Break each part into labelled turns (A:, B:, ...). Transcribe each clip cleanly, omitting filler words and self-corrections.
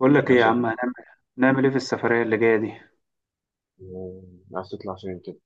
A: بقول لك
B: يا
A: ايه يا عم؟
B: صديقي،
A: نعمل ايه في السفرية اللي جاية دي؟
B: آه، عايز تطلع فين كده؟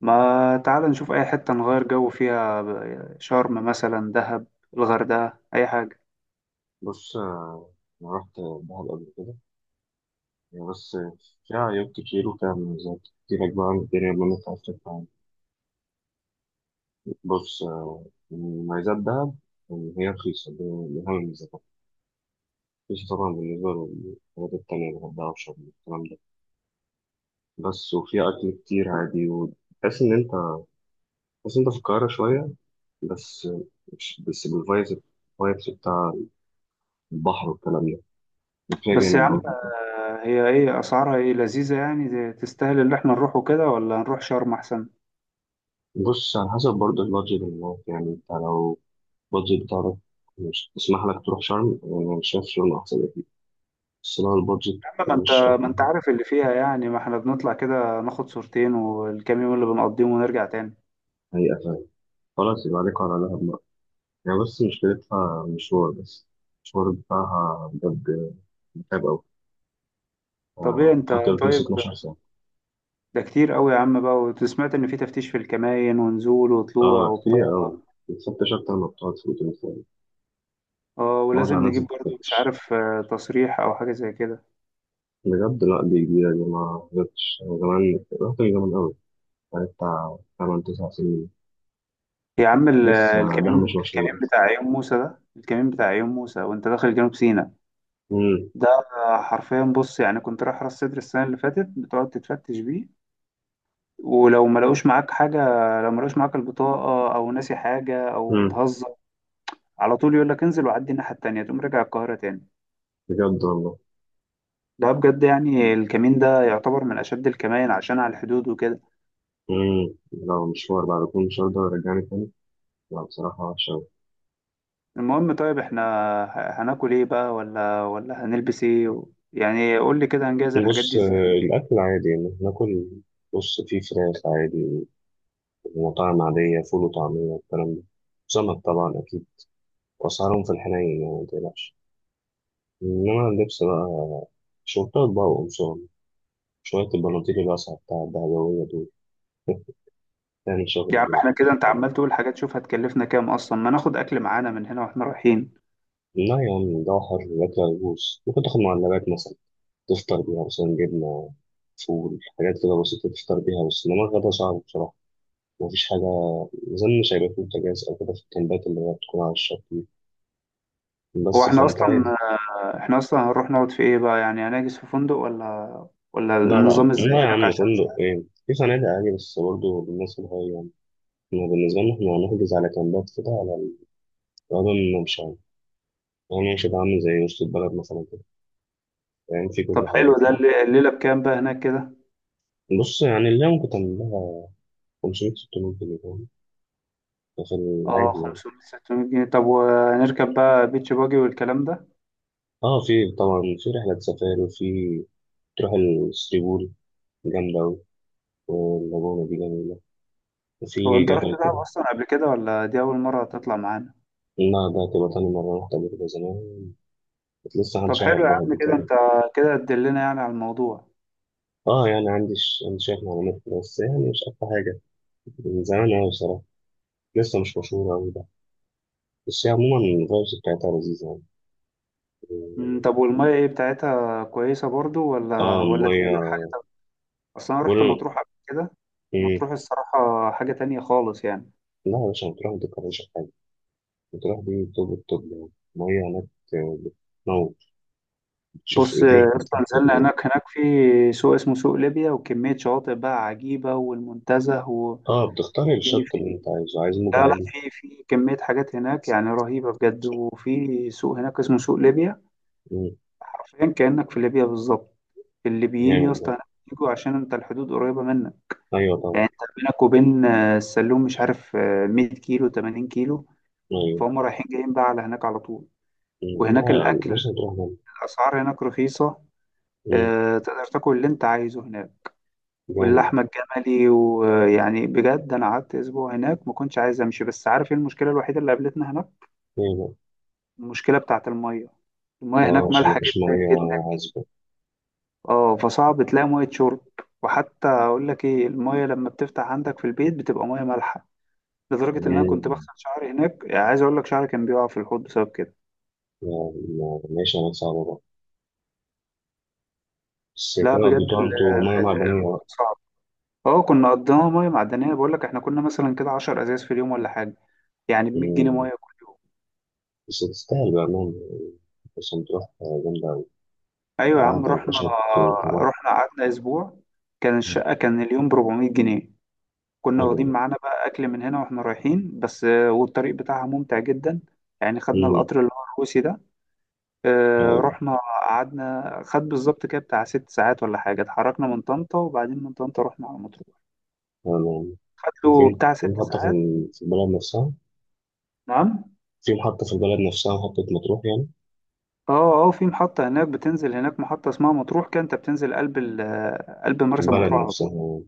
A: ما تعال نشوف اي حتة نغير جو فيها، شرم مثلا، دهب، الغردقة، اي حاجة.
B: بص، أنا رحت دهب قبل كده يعني. بس فيها عيوب كتير وفيها مميزات كتير أجمع عن الدنيا ما أنت عايز تطلع عنها. بص، مميزات دهب إن هي رخيصة، دي من أهم المميزات. رخيصة طبعا بالنسبة للحاجات التانية الغردقة وشرم والكلام ده. بس وفيها أكل كتير عادي وتحس إن أنت تحس إن أنت في القاهرة شوية، بس مش بس بالفايبس، الفايبس بتاع البحر والكلام ده، فيها
A: بس يا
B: جانب
A: عم،
B: برضه.
A: هي ايه اسعارها، ايه لذيذة يعني تستاهل اللي احنا نروحه كده، ولا نروح شرم احسن؟
B: بص على حسب برضه البادجت اللي معاك، يعني انت لو البادجت بتاعك مش تسمح لك تروح شرم، انا شايف شرم احسن اكيد. بس لو البادجت
A: يا عم ما انت
B: مش
A: ما
B: اقوى،
A: انت عارف اللي فيها يعني، ما احنا بنطلع كده، ناخد صورتين والكام يوم اللي بنقضيهم ونرجع تاني.
B: هي اتعب، خلاص يبقى عليك على دهب بقى. يعني بس مشكلتها مشوار، بس المشوار بتاعها بجد متعب أوي،
A: طب ايه انت
B: حتى لو بتمسك
A: طيب،
B: 12 ساعة.
A: ده كتير قوي يا عم بقى. وسمعت ان في تفتيش في الكماين ونزول وطلوع
B: اه
A: وبتاع.
B: كتير أوي، بتفتش أكتر ما بتقعد في الأوتيل فعلا.
A: اه،
B: معرفش، على
A: ولازم
B: ناس
A: نجيب برضو مش
B: بتفتش
A: عارف تصريح او حاجه زي كده.
B: بجد. لأ دي جديدة دي ما جبتش، أنا زمان رحت من زمان أوي، بقالي بتاع 8 9 سنين
A: يا عم
B: لسه،
A: الكمين
B: ده مش مشهور.
A: الكمين بتاع عيون موسى، ده الكمين بتاع عيون موسى وانت داخل جنوب سيناء.
B: امم
A: ده حرفيا بص، يعني كنت رايح راس سدر السنه اللي فاتت، بتقعد تتفتش بيه. ولو ما لقوش معاك حاجه، لو ما لقوش معاك البطاقه او ناسي حاجه او
B: امم.
A: بتهزر، على طول يقول لك انزل وعدي الناحيه التانيه، تقوم راجع القاهره تاني.
B: بجد والله.
A: ده بجد، يعني الكمين ده يعتبر من اشد الكمائن عشان على الحدود وكده.
B: امم، لو مشوار بعد كل مشوار ده ورجعني تاني، لا بصراحة وحشة أوي.
A: المهم طيب، احنا هناكل ايه بقى، ولا هنلبس ايه و يعني قول لي كده هنجهز الحاجات
B: بص،
A: دي ازاي.
B: الأكل عادي يعني ناكل. بص في فراخ عادي ومطاعم عادية، فول وطعمية والكلام ده، سمك طبعا أكيد. وأسعارهم في الحنين يعني متقلقش. إنما اللبس بقى، شورتات بقى وقمصان، شوية البناطيل الواسعة بتاع الدهبوية دول. تعمل
A: يا
B: شغل
A: عم
B: هناك.
A: احنا كده انت عمال تقول حاجات، شوف هتكلفنا كام اصلا؟ ما ناخد اكل معانا من هنا واحنا رايحين.
B: لا يا عم، ده حر الأكل هيبوظ. ممكن تاخد معلبات مثلا، تفطر بيها مثلا، جبنة، فول، حاجات كده بسيطة تفطر بيها. بس إنما الغدا صعب بصراحة، مفيش حاجة زي، مش هيبقى فيه بوتاجاز أو كده في الكامبات اللي هي بتكون على الشط دي.
A: هو
B: بس
A: احنا
B: فأنت
A: اصلا
B: عادي.
A: احنا اصلا هنروح نقعد في ايه بقى؟ يعني هنحجز في فندق، ولا
B: لا لا
A: النظام ازاي
B: لا يا عم،
A: هناك؟ عشان
B: فندق إيه! في فنادق عادي، بس برضه بالناس الهاي يعني. إحنا بالنسبة لنا هنحجز على كامبات كده، على الغدا والممشى يعني. يعني مش هيبقى عامل زي وسط البلد مثلا كده، يعني في
A: طب
B: كل حاجة،
A: حلو ده
B: فاهم.
A: الليله بكام بقى هناك كده؟
B: بص يعني اللي ممكن تعمل لها 500 600 جنيه، فاهم، ده في
A: اه،
B: العادي يعني.
A: 500 600 جنيه. طب وهنركب بقى بيتش باجي والكلام ده؟
B: اه في طبعا في رحلة سفاري، وفي تروح الثري بول، جامدة أوي، واللاجونة دي جميلة،
A: هو
B: وفي
A: انت رحت
B: جبل
A: دهب
B: كده.
A: اصلا قبل كده، ولا دي اول مره تطلع معانا؟
B: النهر ده، تبقى تاني مرة، رحت قبل كده زمان، كنت لسه محدش
A: طب
B: يعرف
A: حلو يا
B: دهب
A: عم،
B: دي
A: كده انت
B: تقريبا.
A: كده تدلنا يعني على الموضوع.
B: اه يعني عندي عندي شوية معلومات كده، بس يعني مش أكتر حاجة، من زمان أوي بصراحة، لسه مش مشهورة أوي ده. بس هي عموما الفايبس بتاعتها لذيذة يعني.
A: طب والمية ايه بتاعتها، كويسة برضو
B: اه
A: ولا دي
B: المية
A: كده حاجة تانية؟ اصل انا رحت
B: بقولوا
A: مطروح قبل كده.
B: إيه؟
A: مطروح الصراحة حاجة تانية خالص يعني.
B: لا يا باشا، بتروح ما تتكررش في حاجة، بتروح دي توب التوب يعني. المية هناك بتموت، شوف
A: بص
B: ايديك
A: يا اسطى،
B: بتاعت
A: نزلنا
B: جوه.
A: هناك، في سوق اسمه سوق ليبيا وكمية شواطئ بقى عجيبة، والمنتزه، وفي
B: اه بتختار الشط
A: في
B: اللي انت عايزه، عايز موج
A: لا لا،
B: عالي.
A: في كمية حاجات هناك يعني رهيبة بجد، وفي سوق هناك اسمه سوق ليبيا،
B: مم،
A: حرفيا كأنك في ليبيا بالظبط. الليبيين يا
B: جامد
A: اسطى
B: ده.
A: هناك بيجوا عشان انت الحدود قريبة منك.
B: ايوه طبعا.
A: يعني انت بينك وبين السلوم مش عارف، 100 كيلو، 80 كيلو،
B: ايوه.
A: فهم رايحين جايين بقى على هناك على طول.
B: مم،
A: وهناك
B: لا
A: الاكل،
B: مش هتروح ده.
A: الاسعار هناك رخيصه،
B: مم،
A: تقدر تاكل اللي انت عايزه هناك،
B: جامد ده.
A: واللحمه الجملي، ويعني بجد انا قعدت اسبوع هناك ما كنتش عايز امشي. بس عارف ايه المشكله الوحيده اللي قابلتنا هناك؟
B: ايه بقى؟
A: المشكله بتاعت الميه، الميه
B: اه
A: هناك
B: عشان
A: مالحه
B: مفيش
A: جدا
B: ميه
A: جدا.
B: عذبه.
A: اه، فصعب تلاقي ميه شرب، وحتى اقول لك ايه، الميه لما بتفتح عندك في البيت بتبقى ميه مالحه، لدرجة إن أنا كنت
B: مم،
A: بغسل شعري هناك، يعني عايز أقول لك شعري كان بيقع في الحوض بسبب كده.
B: لا، لا، ماشي، انا صعبه بقى. بس
A: لا
B: كده
A: بجد،
B: قضيتوها انتوا ميه معدنيه بقى.
A: الموضوع صعب. اه، كنا قضيناها مية معدنية، بقول لك احنا كنا مثلا كده 10 أزاز في اليوم ولا حاجة، يعني ب 100 جنيه
B: مم،
A: مية كل يوم.
B: بس تستاهل بقى. مم، بس هتروح، جامدة أوي،
A: أيوة يا عم،
B: قعدة
A: رحنا
B: وكشط وكبحر.
A: رحنا قعدنا أسبوع، كان
B: مم.
A: الشقة كان اليوم ب 400 جنيه. كنا
B: حلو
A: واخدين
B: ده.
A: معانا بقى أكل من هنا وإحنا رايحين، بس والطريق بتاعها ممتع جدا. يعني خدنا
B: مم،
A: القطر اللي هو الروسي ده،
B: أيوة.
A: رحنا قعدنا، خد بالظبط كده بتاع 6 ساعات ولا حاجة. اتحركنا من طنطا، وبعدين من طنطا رحنا على مطروح،
B: تمام.
A: خد له
B: وفين
A: بتاع ست
B: فين حتى، في
A: ساعات
B: في البلد نفسها؟
A: نعم.
B: في محطة، في البلد نفسها، محطة مطروح يعني؟
A: اه، اه، في محطة هناك بتنزل، هناك محطة اسمها مطروح، كده انت بتنزل قلب ال آه، قلب
B: في
A: مرسى
B: البلد
A: مطروح على طول.
B: نفسها يعني.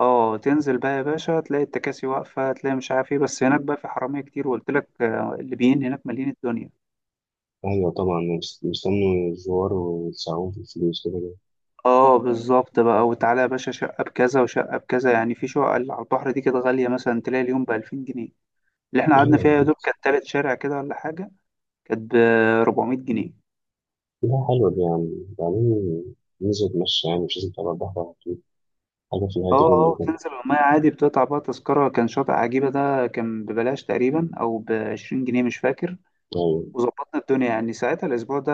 A: اه، تنزل بقى يا باشا تلاقي التكاسي واقفة، تلاقي مش عارف ايه، بس هناك بقى في حرامية كتير، وقلت لك، الليبيين هناك مالين الدنيا.
B: أيوة طبعا، مستني الزوار ويدفعوهم في الفلوس كده كده.
A: اه، بالظبط بقى، وتعالى يا باشا شقة بكذا وشقة بكذا، يعني في شقة اللي على البحر دي كده غالية، مثلا تلاقي اليوم ب 2000 جنيه، اللي احنا قعدنا فيها
B: أيوة.
A: يا دوب كانت تالت شارع كده ولا حاجة، كانت ب 400 جنيه.
B: لا حلوة دي، يعني بعدين ننزل نتمشى، يعني مش لازم تبقى البحر على طول، حاجة في
A: اه،
B: الهادي منه
A: اه،
B: كده.
A: بتنزل المية عادي، بتقطع بقى تذكرة، كان شاطئ عجيبة ده كان ببلاش تقريبا أو ب 20 جنيه، مش فاكر.
B: أيوة.
A: وظبطنا الدنيا يعني ساعتها الأسبوع ده،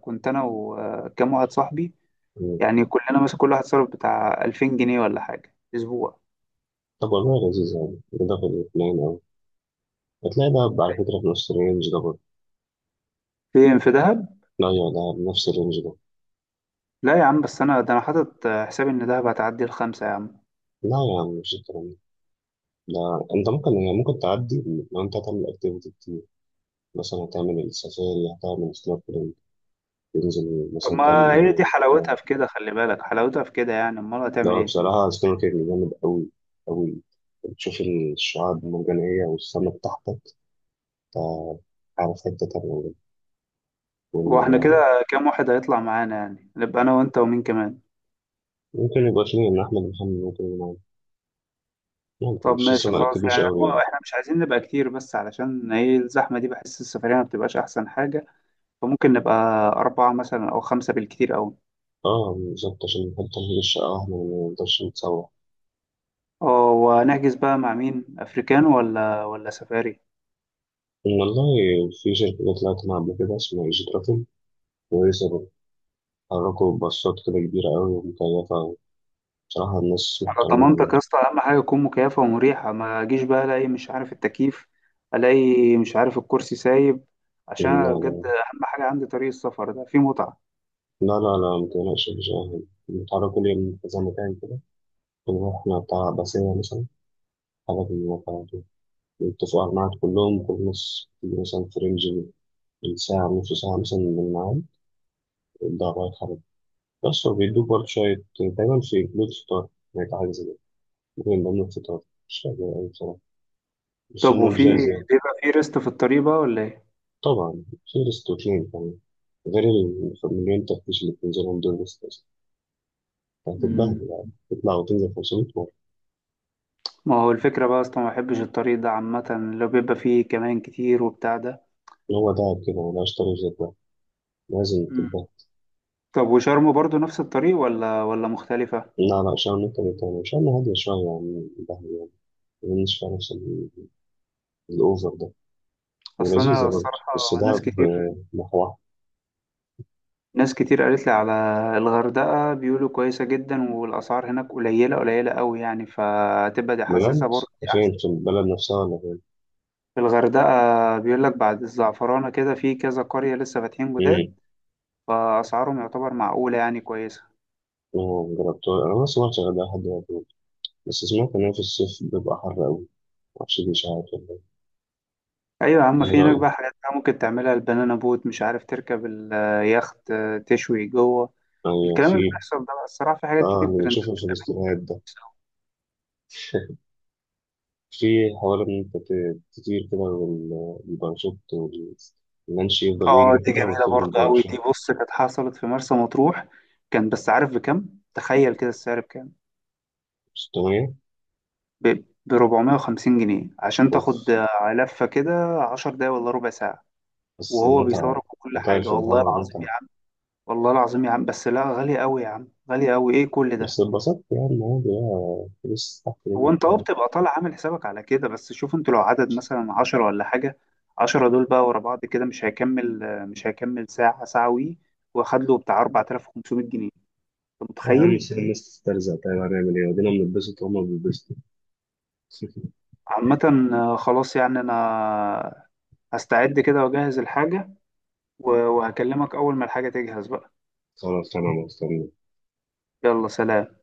A: كنت أنا وكام واحد صاحبي،
B: أيوة.
A: يعني كلنا مثلا كل واحد صرف بتاع 2000 جنيه ولا حاجة في أسبوع.
B: طب والله لذيذ، يعني ده في الاثنين أوي. هتلاقي دهب على فكرة في نفس الرينج ده برضه.
A: فين، في دهب؟
B: لا يا دهب، نفس الرينج ده.
A: لا يا عم، بس أنا ده أنا حاطط حسابي إن دهب هتعدي الخمسة يا عم.
B: لا يا عم مش الكلام ده، لا انت ممكن يعني ممكن تعدي، لو انت هتعمل اكتيفيتي كتير، مثلا هتعمل السفاري، هتعمل سنوركلينج، تنزل
A: طب
B: مثلا تعمل
A: ما هي دي
B: دايفنج بتاع.
A: حلاوتها في كده، خلي بالك حلاوتها في كده، يعني أمال هتعمل
B: لا
A: إيه؟
B: بصراحة سنوركلينج جامد أوي أوي، بتشوف الشعاب المرجانية والسمك تحتك، أنت عارف حتة تانية بجد.
A: هو احنا
B: وال-
A: كده كام واحد هيطلع معانا؟ يعني نبقى انا وانت ومين كمان؟
B: ممكن يبقى فيه، إن أحمد محمد ممكن يلعب، ممكن،
A: طب
B: مش لسه
A: ماشي
B: ما
A: خلاص
B: أكدوش
A: يعني،
B: أوي يعني.
A: احنا مش عايزين نبقى كتير بس، علشان ايه الزحمة دي بحس السفرية ما بتبقاش احسن حاجة. فممكن نبقى اربعة مثلا او خمسة بالكتير اوي.
B: اه بالظبط، عشان نحط تمهيد الشقة واحنا ما نقدرش نتسوح.
A: اه، وهنحجز بقى مع مين، افريكان ولا سفاري؟
B: إن والله في شركة جت طلعت معاها قبل كده اسمها إيجي ترافل، كويسة برضه، حركوا باصات كده كبيرة أوي ومكيفة أوي. بصراحة الناس
A: على
B: محترمين يعني.
A: ضمانتك يا اسطى، اهم حاجة تكون مكيفة ومريحة، ما اجيش بقى الاقي مش عارف التكييف، الاقي مش عارف الكرسي سايب، عشان
B: لا
A: أنا بجد
B: لا
A: اهم حاجة عندي طريق السفر ده فيه متعة.
B: لا لا، متقلقش، مش أهم. نتعرف كل يوم في كذا مكان كده، ونروحنا بتاع باسية مثلا، حاجة في الموقع دي، نتفق على الميعاد كلهم، كل نص مثلا في رينج الساعة، نص ساعة مثلا من الميعاد ده، رايح حاجة. بس هو بيدوك برضه شوية، دايما في جلود فطار، يعني حاجة زي كده، ممكن من ضمن الفطار، مش فاكر أوي بصراحة، بس
A: طب
B: هما
A: وفي،
B: لزاز يعني.
A: بيبقى في ريست في الطريق بقى ولا ايه؟
B: طبعا في ريستوتين كمان، غير المليون تفتيش اللي بتنزلهم دول. بس
A: مم.
B: هتتبهدل، يعني تطلع وتنزل 500.
A: ما هو الفكرة بقى أصلا ما بحبش الطريق ده عامة، لو بيبقى فيه كمان كتير وبتاع ده.
B: هو تعب كده ولا اشتري في ده، لازم
A: مم.
B: تبقى.
A: طب وشرم برضو نفس الطريق، ولا مختلفة؟
B: لا لا، شعر نكتة تاني، شعر هادية شوية يعني ده، يعني مش فيها نفس الأوفر ده،
A: أصل
B: ولذيذة
A: أنا
B: برضه
A: الصراحة،
B: بس ده
A: ناس كتير
B: بمحوها.
A: ناس كتير قالت لي على الغردقة، بيقولوا كويسة جدا، والأسعار هناك قليلة قليلة أوي يعني، فتبقى دي حاسسها
B: بجد؟
A: برضه دي
B: فين،
A: أحسن.
B: في البلد نفسها ولا فين؟
A: في الغردقة بيقول لك بعد الزعفرانة كده في كذا قرية لسه فاتحين
B: امم.
A: جداد، فأسعارهم يعتبر معقولة يعني كويسة.
B: أنا مجربتها، أنا ما سمعتش غير ده لحد دلوقتي، بس سمعت إن هي في الصيف بيبقى حر أوي، معرفش دي إشاعات ولا إيه.
A: ايوه يا عم،
B: إيه
A: في هناك
B: رأيك؟
A: بقى حاجات بقى ممكن تعملها، البنانا بوت، مش عارف، تركب اليخت، تشوي جوه،
B: أيوة
A: الكلام اللي
B: في.
A: بيحصل ده بقى الصراحه، في حاجات
B: آه
A: كتير
B: اللي
A: ترند.
B: بنشوفه في الاستوريات ده، في حوار إن أنت تطير كده والباراشوت واللانش يفضل
A: اه،
B: يجري
A: دي
B: كده
A: جميله
B: وتطير
A: برضه قوي دي،
B: بالباراشوت.
A: بص كانت حصلت في مرسى مطروح. كان بس عارف بكام؟ تخيل كده السعر بكام؟
B: مش طبيعي.
A: ب ب 450 جنيه عشان
B: أوف.
A: تاخد، لفه كده 10 دقايق ولا ربع ساعه،
B: بس
A: وهو
B: المتعة،
A: بيصورك وكل
B: وطاير
A: حاجه،
B: في
A: والله
B: الهواء
A: العظيم
B: متعة.
A: يا عم. والله العظيم يا عم، بس لا غالي قوي يا عم، غالي قوي ايه كل ده؟
B: بس اتبسطت يعني عادي بقى، فلوس تحت
A: هو
B: رجلك
A: انت اه
B: يعني.
A: بتبقى طالع عامل حسابك على كده، بس شوف انتوا لو عدد مثلا عشرة ولا حاجة، عشرة دول بقى ورا بعض كده مش هيكمل ساعة، ساعة وي، واخد له بتاع 4500 جنيه، انت
B: إيه يا عم،
A: متخيل؟
B: سيب الناس تسترزق، طيب هنعمل إيه؟ ودينا بنتبسط وهما بيتبسطوا.
A: عامة، خلاص يعني انا هستعد كده واجهز الحاجة، وهكلمك اول ما الحاجة تجهز بقى.
B: خلاص أنا مستني.
A: يلا سلام.